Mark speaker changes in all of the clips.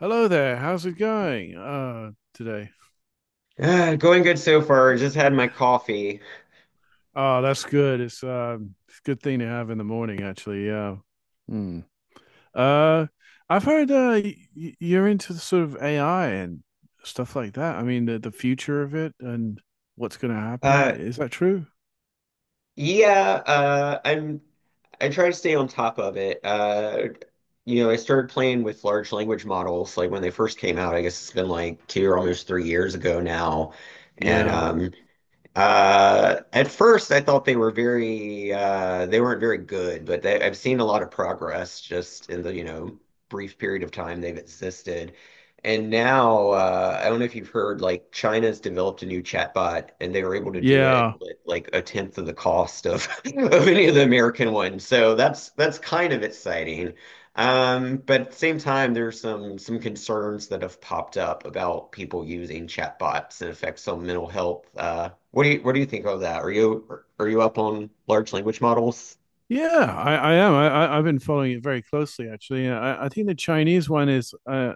Speaker 1: Hello there. How's it going today?
Speaker 2: Going good so far. Just had my coffee.
Speaker 1: Oh, that's good. It's a good thing to have in the morning, actually. Yeah. Hmm. Uh, I've heard you're into the sort of AI and stuff like that. I mean, the future of it and what's going to happen.
Speaker 2: Uh,
Speaker 1: Is that true?
Speaker 2: yeah, I try to stay on top of it. You know, I started playing with large language models like when they first came out. I guess it's been like two or almost 3 years ago now. And
Speaker 1: Yeah.
Speaker 2: At first, I thought they were very they weren't very good, but I've seen a lot of progress just in the, you know, brief period of time they've existed. And now, I don't know if you've heard, like China's developed a new chatbot, and they were able to do it
Speaker 1: Yeah.
Speaker 2: with like a tenth of the cost of of any of the American ones. So that's kind of exciting. But at the same time, there's some concerns that have popped up about people using chatbots and effects on mental health. What do you think of that? Are you are you up on large language models?
Speaker 1: Yeah, I am. I've been following it very closely, actually. I think the Chinese one is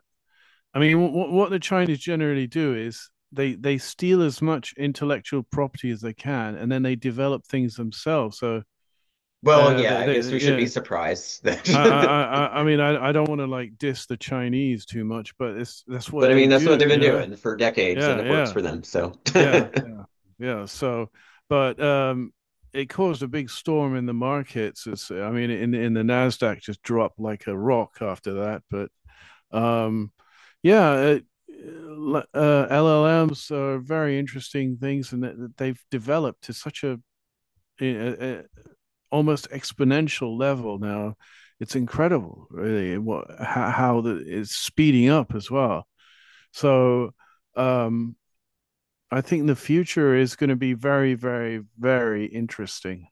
Speaker 1: I mean, what the Chinese generally do is they steal as much intellectual property as they can, and then they develop things themselves. So
Speaker 2: Well, yeah, I guess
Speaker 1: they
Speaker 2: we should be
Speaker 1: yeah.
Speaker 2: surprised
Speaker 1: I I
Speaker 2: that,
Speaker 1: I don't want to like diss the Chinese too much, but it's that's
Speaker 2: but
Speaker 1: what
Speaker 2: I
Speaker 1: they
Speaker 2: mean that's what
Speaker 1: do,
Speaker 2: they've been
Speaker 1: you know.
Speaker 2: doing for decades, and
Speaker 1: Yeah,
Speaker 2: it works
Speaker 1: yeah,
Speaker 2: for them. So
Speaker 1: yeah, yeah, yeah. So, but it caused a big storm in the markets. It's, I mean, in the Nasdaq just dropped like a rock after that, but. Um, yeah, uh, LLMs are very interesting things, and that they've developed to such a almost exponential level now. It's incredible, really, what how the, it's speeding up as well. So, um, I think the future is going to be very, very, very interesting.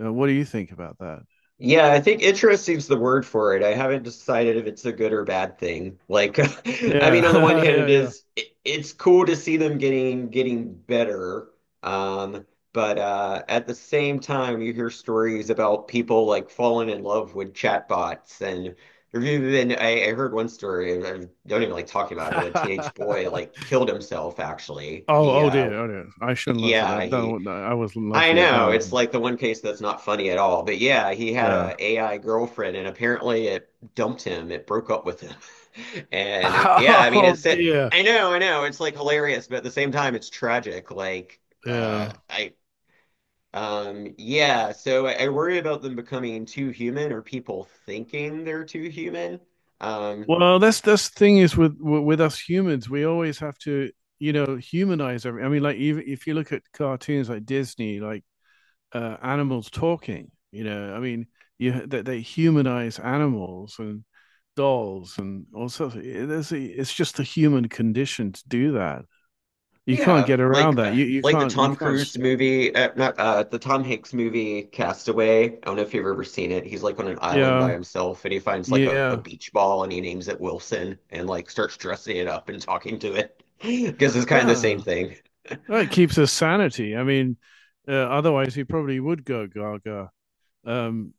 Speaker 1: What do you think about that?
Speaker 2: Yeah, I think interesting's the word for it. I haven't decided if it's a good or bad thing. Like, I mean, on the one
Speaker 1: Yeah,
Speaker 2: hand,
Speaker 1: yeah,
Speaker 2: it's cool to see them getting better. Um, but At the same time, you hear stories about people like falling in love with chatbots. And there's even I heard one story. I don't even like talking about it, but a
Speaker 1: yeah.
Speaker 2: teenage boy like killed himself. Actually,
Speaker 1: Oh,
Speaker 2: he
Speaker 1: oh
Speaker 2: uh,
Speaker 1: dear, oh dear. I shouldn't laugh at
Speaker 2: yeah,
Speaker 1: that.
Speaker 2: he
Speaker 1: No, no, I wasn't
Speaker 2: I
Speaker 1: laughing at
Speaker 2: know it's
Speaker 1: that.
Speaker 2: like the one case that's not funny at all. But yeah, he had a
Speaker 1: Yeah.
Speaker 2: AI girlfriend, and apparently it dumped him. It broke up with him. And yeah, I mean
Speaker 1: Oh
Speaker 2: it's it.
Speaker 1: dear.
Speaker 2: I know, I know. It's like hilarious, but at the same time, it's tragic. Like
Speaker 1: Yeah.
Speaker 2: I yeah. So I worry about them becoming too human or people thinking they're too human. Um,
Speaker 1: Well, that's the thing is with us humans, we always have to, humanize every. I mean, like even if you look at cartoons like Disney, like animals talking, you know, I mean, you they humanize animals and dolls and all sorts. Of, it's just the human condition to do that. You can't
Speaker 2: Yeah,
Speaker 1: get around that.
Speaker 2: like the
Speaker 1: You
Speaker 2: Tom
Speaker 1: can't
Speaker 2: Cruise
Speaker 1: stop.
Speaker 2: movie, not the Tom Hanks movie, Castaway. I don't know if you've ever seen it. He's like on an island by
Speaker 1: Yeah.
Speaker 2: himself, and he finds like a
Speaker 1: Yeah.
Speaker 2: beach ball, and he names it Wilson, and like starts dressing it up and talking to it, because it's kind of the same
Speaker 1: Yeah.
Speaker 2: thing.
Speaker 1: Well, it keeps us sanity. I mean, otherwise he probably would go gaga. Um,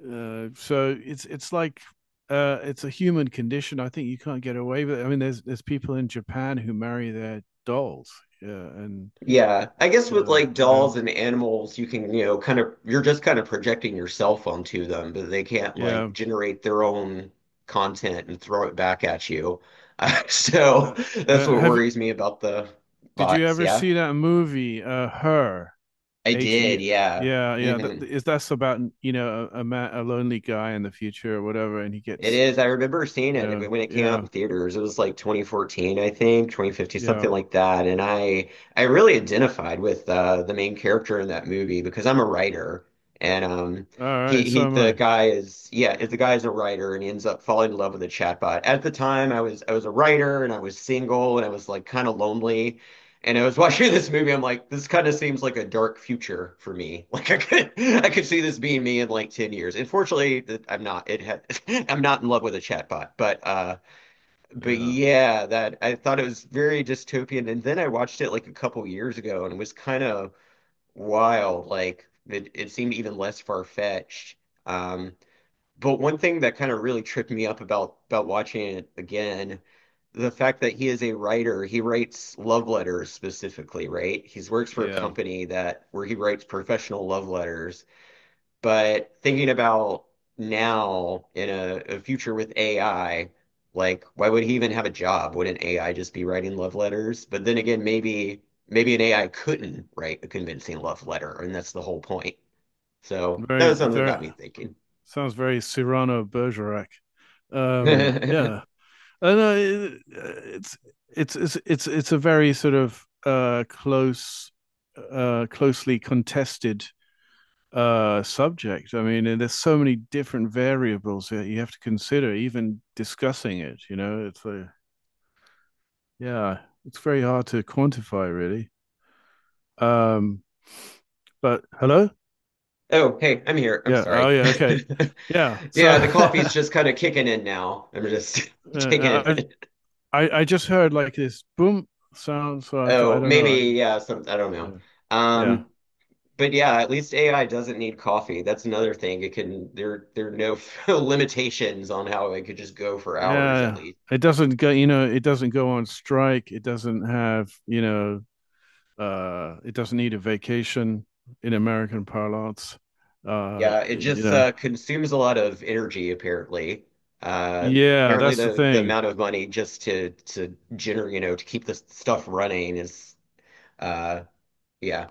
Speaker 1: so it's like it's a human condition. I think you can't get away with it. I mean, there's people in Japan who marry their dolls. Yeah, and
Speaker 2: Yeah, I guess with like
Speaker 1: you know,
Speaker 2: dolls and animals, you can, you know, kind of, you're just kind of projecting yourself onto them, but they can't like
Speaker 1: yeah.
Speaker 2: generate their own content and throw it back at you. So
Speaker 1: Uh,
Speaker 2: that's
Speaker 1: uh,
Speaker 2: what
Speaker 1: have
Speaker 2: worries me about the
Speaker 1: did you
Speaker 2: bots.
Speaker 1: ever
Speaker 2: Yeah,
Speaker 1: see that movie? Her.
Speaker 2: I
Speaker 1: H E.
Speaker 2: did. Yeah.
Speaker 1: Yeah, yeah. That,
Speaker 2: Hmm.
Speaker 1: is that's about you know a man, a lonely guy in the future or whatever, and he
Speaker 2: It
Speaker 1: gets
Speaker 2: is. I remember seeing
Speaker 1: you
Speaker 2: it
Speaker 1: know,
Speaker 2: when it came out in
Speaker 1: yeah.
Speaker 2: theaters. It was like 2014, I think, 2015, something
Speaker 1: Yeah.
Speaker 2: like that. And I really identified with the main character in that movie because I'm a writer, and
Speaker 1: All right.
Speaker 2: he
Speaker 1: So am
Speaker 2: the
Speaker 1: I.
Speaker 2: guy is yeah the guy is a writer and he ends up falling in love with a chatbot. At the time, I was a writer and I was single and I was like kind of lonely, and I was watching this movie, I'm like, this kind of seems like a dark future for me. Like I could see this being me in like 10 years. Unfortunately, I'm not. It had, I'm not in love with a chatbot, but
Speaker 1: Yeah.
Speaker 2: yeah, that I thought it was very dystopian. And then I watched it like a couple years ago, and it was kind of wild. Like it seemed even less far-fetched. Um, but one thing that kind of really tripped me up about watching it again, the fact that he is a writer, he writes love letters specifically, right? He works for a
Speaker 1: Yeah.
Speaker 2: company that where he writes professional love letters. But thinking about now in a future with AI, like why would he even have a job? Wouldn't AI just be writing love letters? But then again, maybe an AI couldn't write a convincing love letter, and that's the whole point. So that
Speaker 1: Very,
Speaker 2: was something that got
Speaker 1: very,
Speaker 2: me thinking.
Speaker 1: sounds very Cyrano Bergerac. Yeah. And it, it's a very sort of, close, closely contested, subject. I mean, and there's so many different variables that you have to consider, even discussing it, you know, it's a, yeah, it's very hard to quantify really. Um, but hello?
Speaker 2: Oh, hey, I'm here. I'm
Speaker 1: Yeah. Oh,
Speaker 2: sorry.
Speaker 1: yeah. Okay. Yeah. So
Speaker 2: Yeah, the coffee's just kind of kicking in now. I'm just taking it
Speaker 1: I,
Speaker 2: in.
Speaker 1: I just heard like this boom sound, so I thought I
Speaker 2: Oh,
Speaker 1: don't know. I,
Speaker 2: maybe, yeah, some, I don't know.
Speaker 1: yeah. Yeah.
Speaker 2: Um, but yeah, at least AI doesn't need coffee. That's another thing. There are no limitations on how it could just go for hours at
Speaker 1: Yeah.
Speaker 2: least.
Speaker 1: It doesn't go. You know, it doesn't go on strike. It doesn't have. You know, it doesn't need a vacation in American parlance.
Speaker 2: Yeah, it
Speaker 1: You
Speaker 2: just
Speaker 1: know.
Speaker 2: consumes a lot of energy apparently. Uh,
Speaker 1: Yeah,
Speaker 2: Apparently
Speaker 1: that's the
Speaker 2: the
Speaker 1: thing.
Speaker 2: amount of money just to generate, you know, to keep this stuff running is, uh, yeah.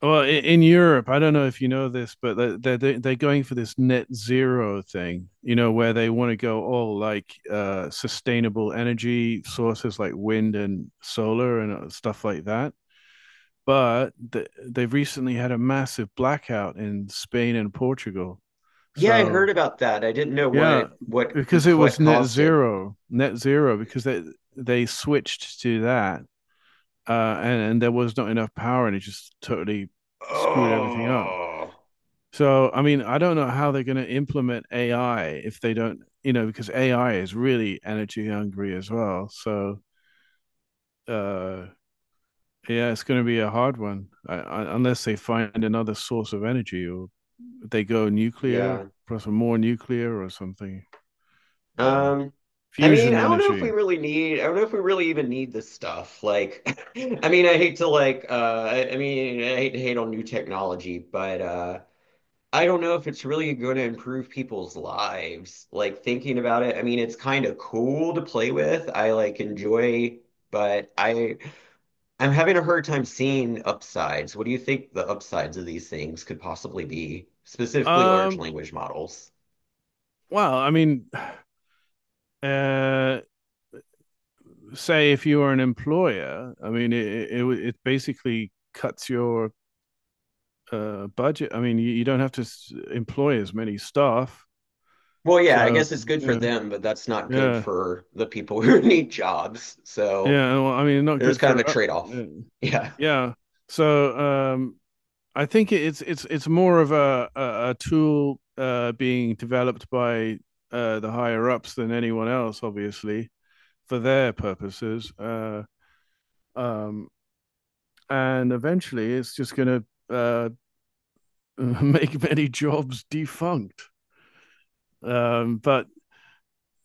Speaker 1: Well, in Europe, I don't know if you know this, but are they're going for this net zero thing, you know, where they want to go all like sustainable energy sources like wind and solar and stuff like that. But th they've recently had a massive blackout in Spain and Portugal.
Speaker 2: Yeah, I
Speaker 1: So
Speaker 2: heard about that. I didn't know
Speaker 1: yeah,
Speaker 2: what was
Speaker 1: because it was
Speaker 2: what caused it.
Speaker 1: net zero, because they switched to that, and there was not enough power, and it just totally screwed everything up.
Speaker 2: Oh,
Speaker 1: So, I mean, I don't know how they're going to implement AI if they don't, you know, because AI is really energy hungry as well. So, uh, yeah, it's going to be a hard one I, unless they find another source of energy or they go nuclear,
Speaker 2: yeah.
Speaker 1: plus more nuclear or something, uh,
Speaker 2: Um, I mean,
Speaker 1: fusion
Speaker 2: I don't know if
Speaker 1: energy.
Speaker 2: we really need. I don't know if we really even need this stuff. Like, I mean, I mean, I hate to hate on new technology, but I don't know if it's really going to improve people's lives. Like thinking about it, I mean, it's kind of cool to play with. I like enjoy, but I'm having a hard time seeing upsides. What do you think the upsides of these things could possibly be, specifically large
Speaker 1: Um,
Speaker 2: language models?
Speaker 1: well, I mean, uh, say if you are an employer, I mean, it basically cuts your budget. I mean, you don't have to employ as many staff.
Speaker 2: Well, yeah, I
Speaker 1: So
Speaker 2: guess it's good for
Speaker 1: yeah,
Speaker 2: them, but that's not good
Speaker 1: yeah,
Speaker 2: for the people who need jobs. So
Speaker 1: yeah. Well, I mean, not
Speaker 2: there's
Speaker 1: good
Speaker 2: kind of
Speaker 1: for.
Speaker 2: a trade-off.
Speaker 1: u-
Speaker 2: Yeah.
Speaker 1: yeah. Yeah. So I think it's more of a a tool being developed by the higher ups than anyone else, obviously, for their purposes. Um, and eventually, it's just going to make many jobs defunct. But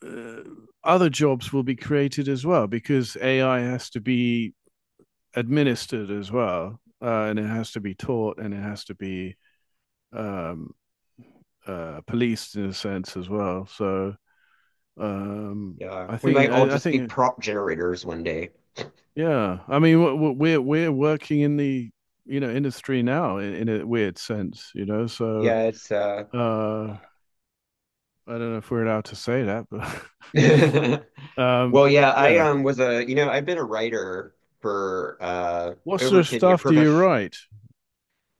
Speaker 1: uh, other jobs will be created as well because AI has to be administered as well, and it has to be taught and it has to be um, policed in a sense as well. So um,
Speaker 2: Yeah. We might all
Speaker 1: I
Speaker 2: just be
Speaker 1: think
Speaker 2: prop generators one day.
Speaker 1: yeah, I mean we're working in the you know industry now in a weird sense, you know. So
Speaker 2: Yeah, it's
Speaker 1: uh, I don't know if we're allowed to say that, but um,
Speaker 2: Well, yeah, I
Speaker 1: yeah.
Speaker 2: was you know, I've been a writer for
Speaker 1: What sort
Speaker 2: over
Speaker 1: of
Speaker 2: 10 years,
Speaker 1: stuff do you
Speaker 2: professional
Speaker 1: write?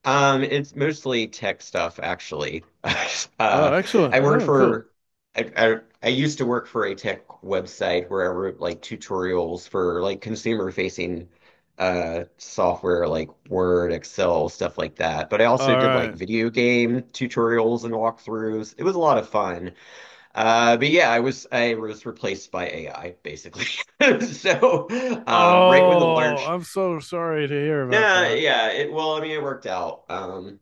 Speaker 2: It's mostly tech stuff, actually. Uh,
Speaker 1: Oh,
Speaker 2: I
Speaker 1: excellent.
Speaker 2: worked
Speaker 1: Oh, cool.
Speaker 2: for, I used to work for a tech website where I wrote like tutorials for like consumer facing software like Word, Excel, stuff like that. But I also
Speaker 1: All
Speaker 2: did like
Speaker 1: right.
Speaker 2: video game tutorials and walkthroughs. It was a lot of fun. But yeah, I was replaced by AI basically. So, um, right when the
Speaker 1: Oh,
Speaker 2: large,
Speaker 1: I'm so sorry to hear about
Speaker 2: nah,
Speaker 1: that.
Speaker 2: yeah, it well, I mean, it worked out.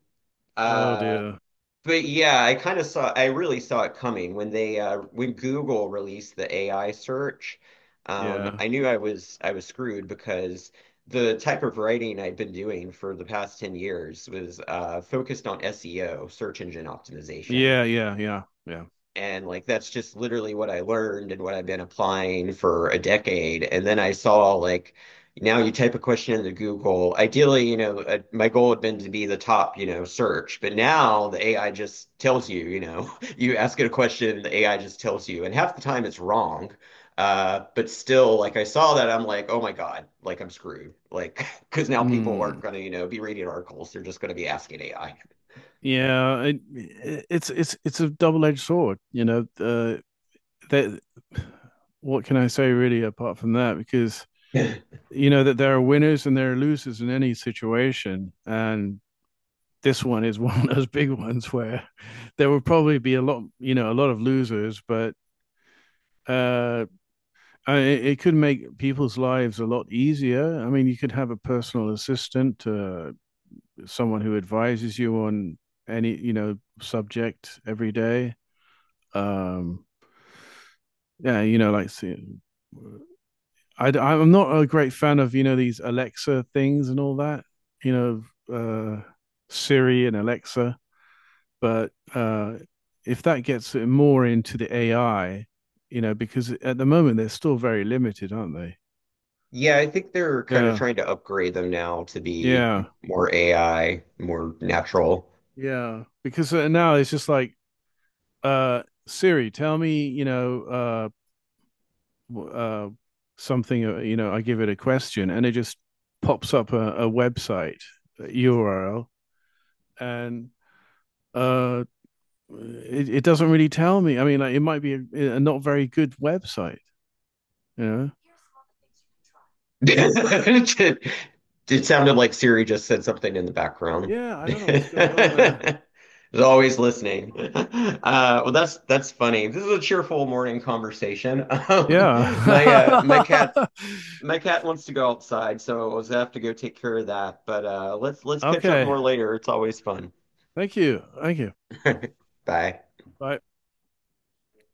Speaker 1: Oh
Speaker 2: uh,
Speaker 1: dear.
Speaker 2: but yeah, I really saw it coming when they, when Google released the AI search.
Speaker 1: Yeah.
Speaker 2: I knew I was screwed because the type of writing I'd been doing for the past 10 years was, focused on SEO, search engine optimization.
Speaker 1: Yeah. Yeah. Yeah. Yeah.
Speaker 2: And like that's just literally what I learned and what I've been applying for a decade. And then I saw like now you type a question into Google. Ideally, you know, my goal had been to be the top, you know, search, but now the AI just tells you, you know, you ask it a question, the AI just tells you, and half the time it's wrong. But still, like I saw that, I'm like, oh my God, like I'm screwed. Like, because now people
Speaker 1: Hmm.
Speaker 2: aren't going to, you know, be reading articles. They're just going to be asking AI.
Speaker 1: Yeah. It, it's a double-edged sword. You know. That. What can I say really apart from that? Because you know that there are winners and there are losers in any situation, and this one is one of those big ones where there will probably be a lot. You know, a lot of losers, but uh. It, it could make people's lives a lot easier. I mean, you could have a personal assistant, someone who advises you on any you know subject every day. Um, yeah, you know, like I'm not a great fan of you know these Alexa things and all that. You know, Siri and Alexa, but if that gets more into the AI, you know, because at the moment they're still very limited, aren't they?
Speaker 2: Yeah, I think they're kind of
Speaker 1: Yeah,
Speaker 2: trying to upgrade them now to be
Speaker 1: yeah.
Speaker 2: more AI, more natural.
Speaker 1: Yeah, because now it's just like Siri, tell me, you know, uh something, you know, I give it a question and it just pops up a website, a URL, and uh it, it doesn't really tell me. I mean, like, it might be a not very good website, you know.
Speaker 2: It sounded like Siri just said something in the background.
Speaker 1: Yeah, I don't know what's going on there.
Speaker 2: It's always listening. Well, that's funny. This is a cheerful morning conversation. Um, my cat
Speaker 1: Yeah.
Speaker 2: my cat wants to go outside, so I was gonna have to go take care of that. But let's catch up
Speaker 1: Okay.
Speaker 2: more later. It's always fun.
Speaker 1: Thank you. Thank you.
Speaker 2: Bye.
Speaker 1: Bye.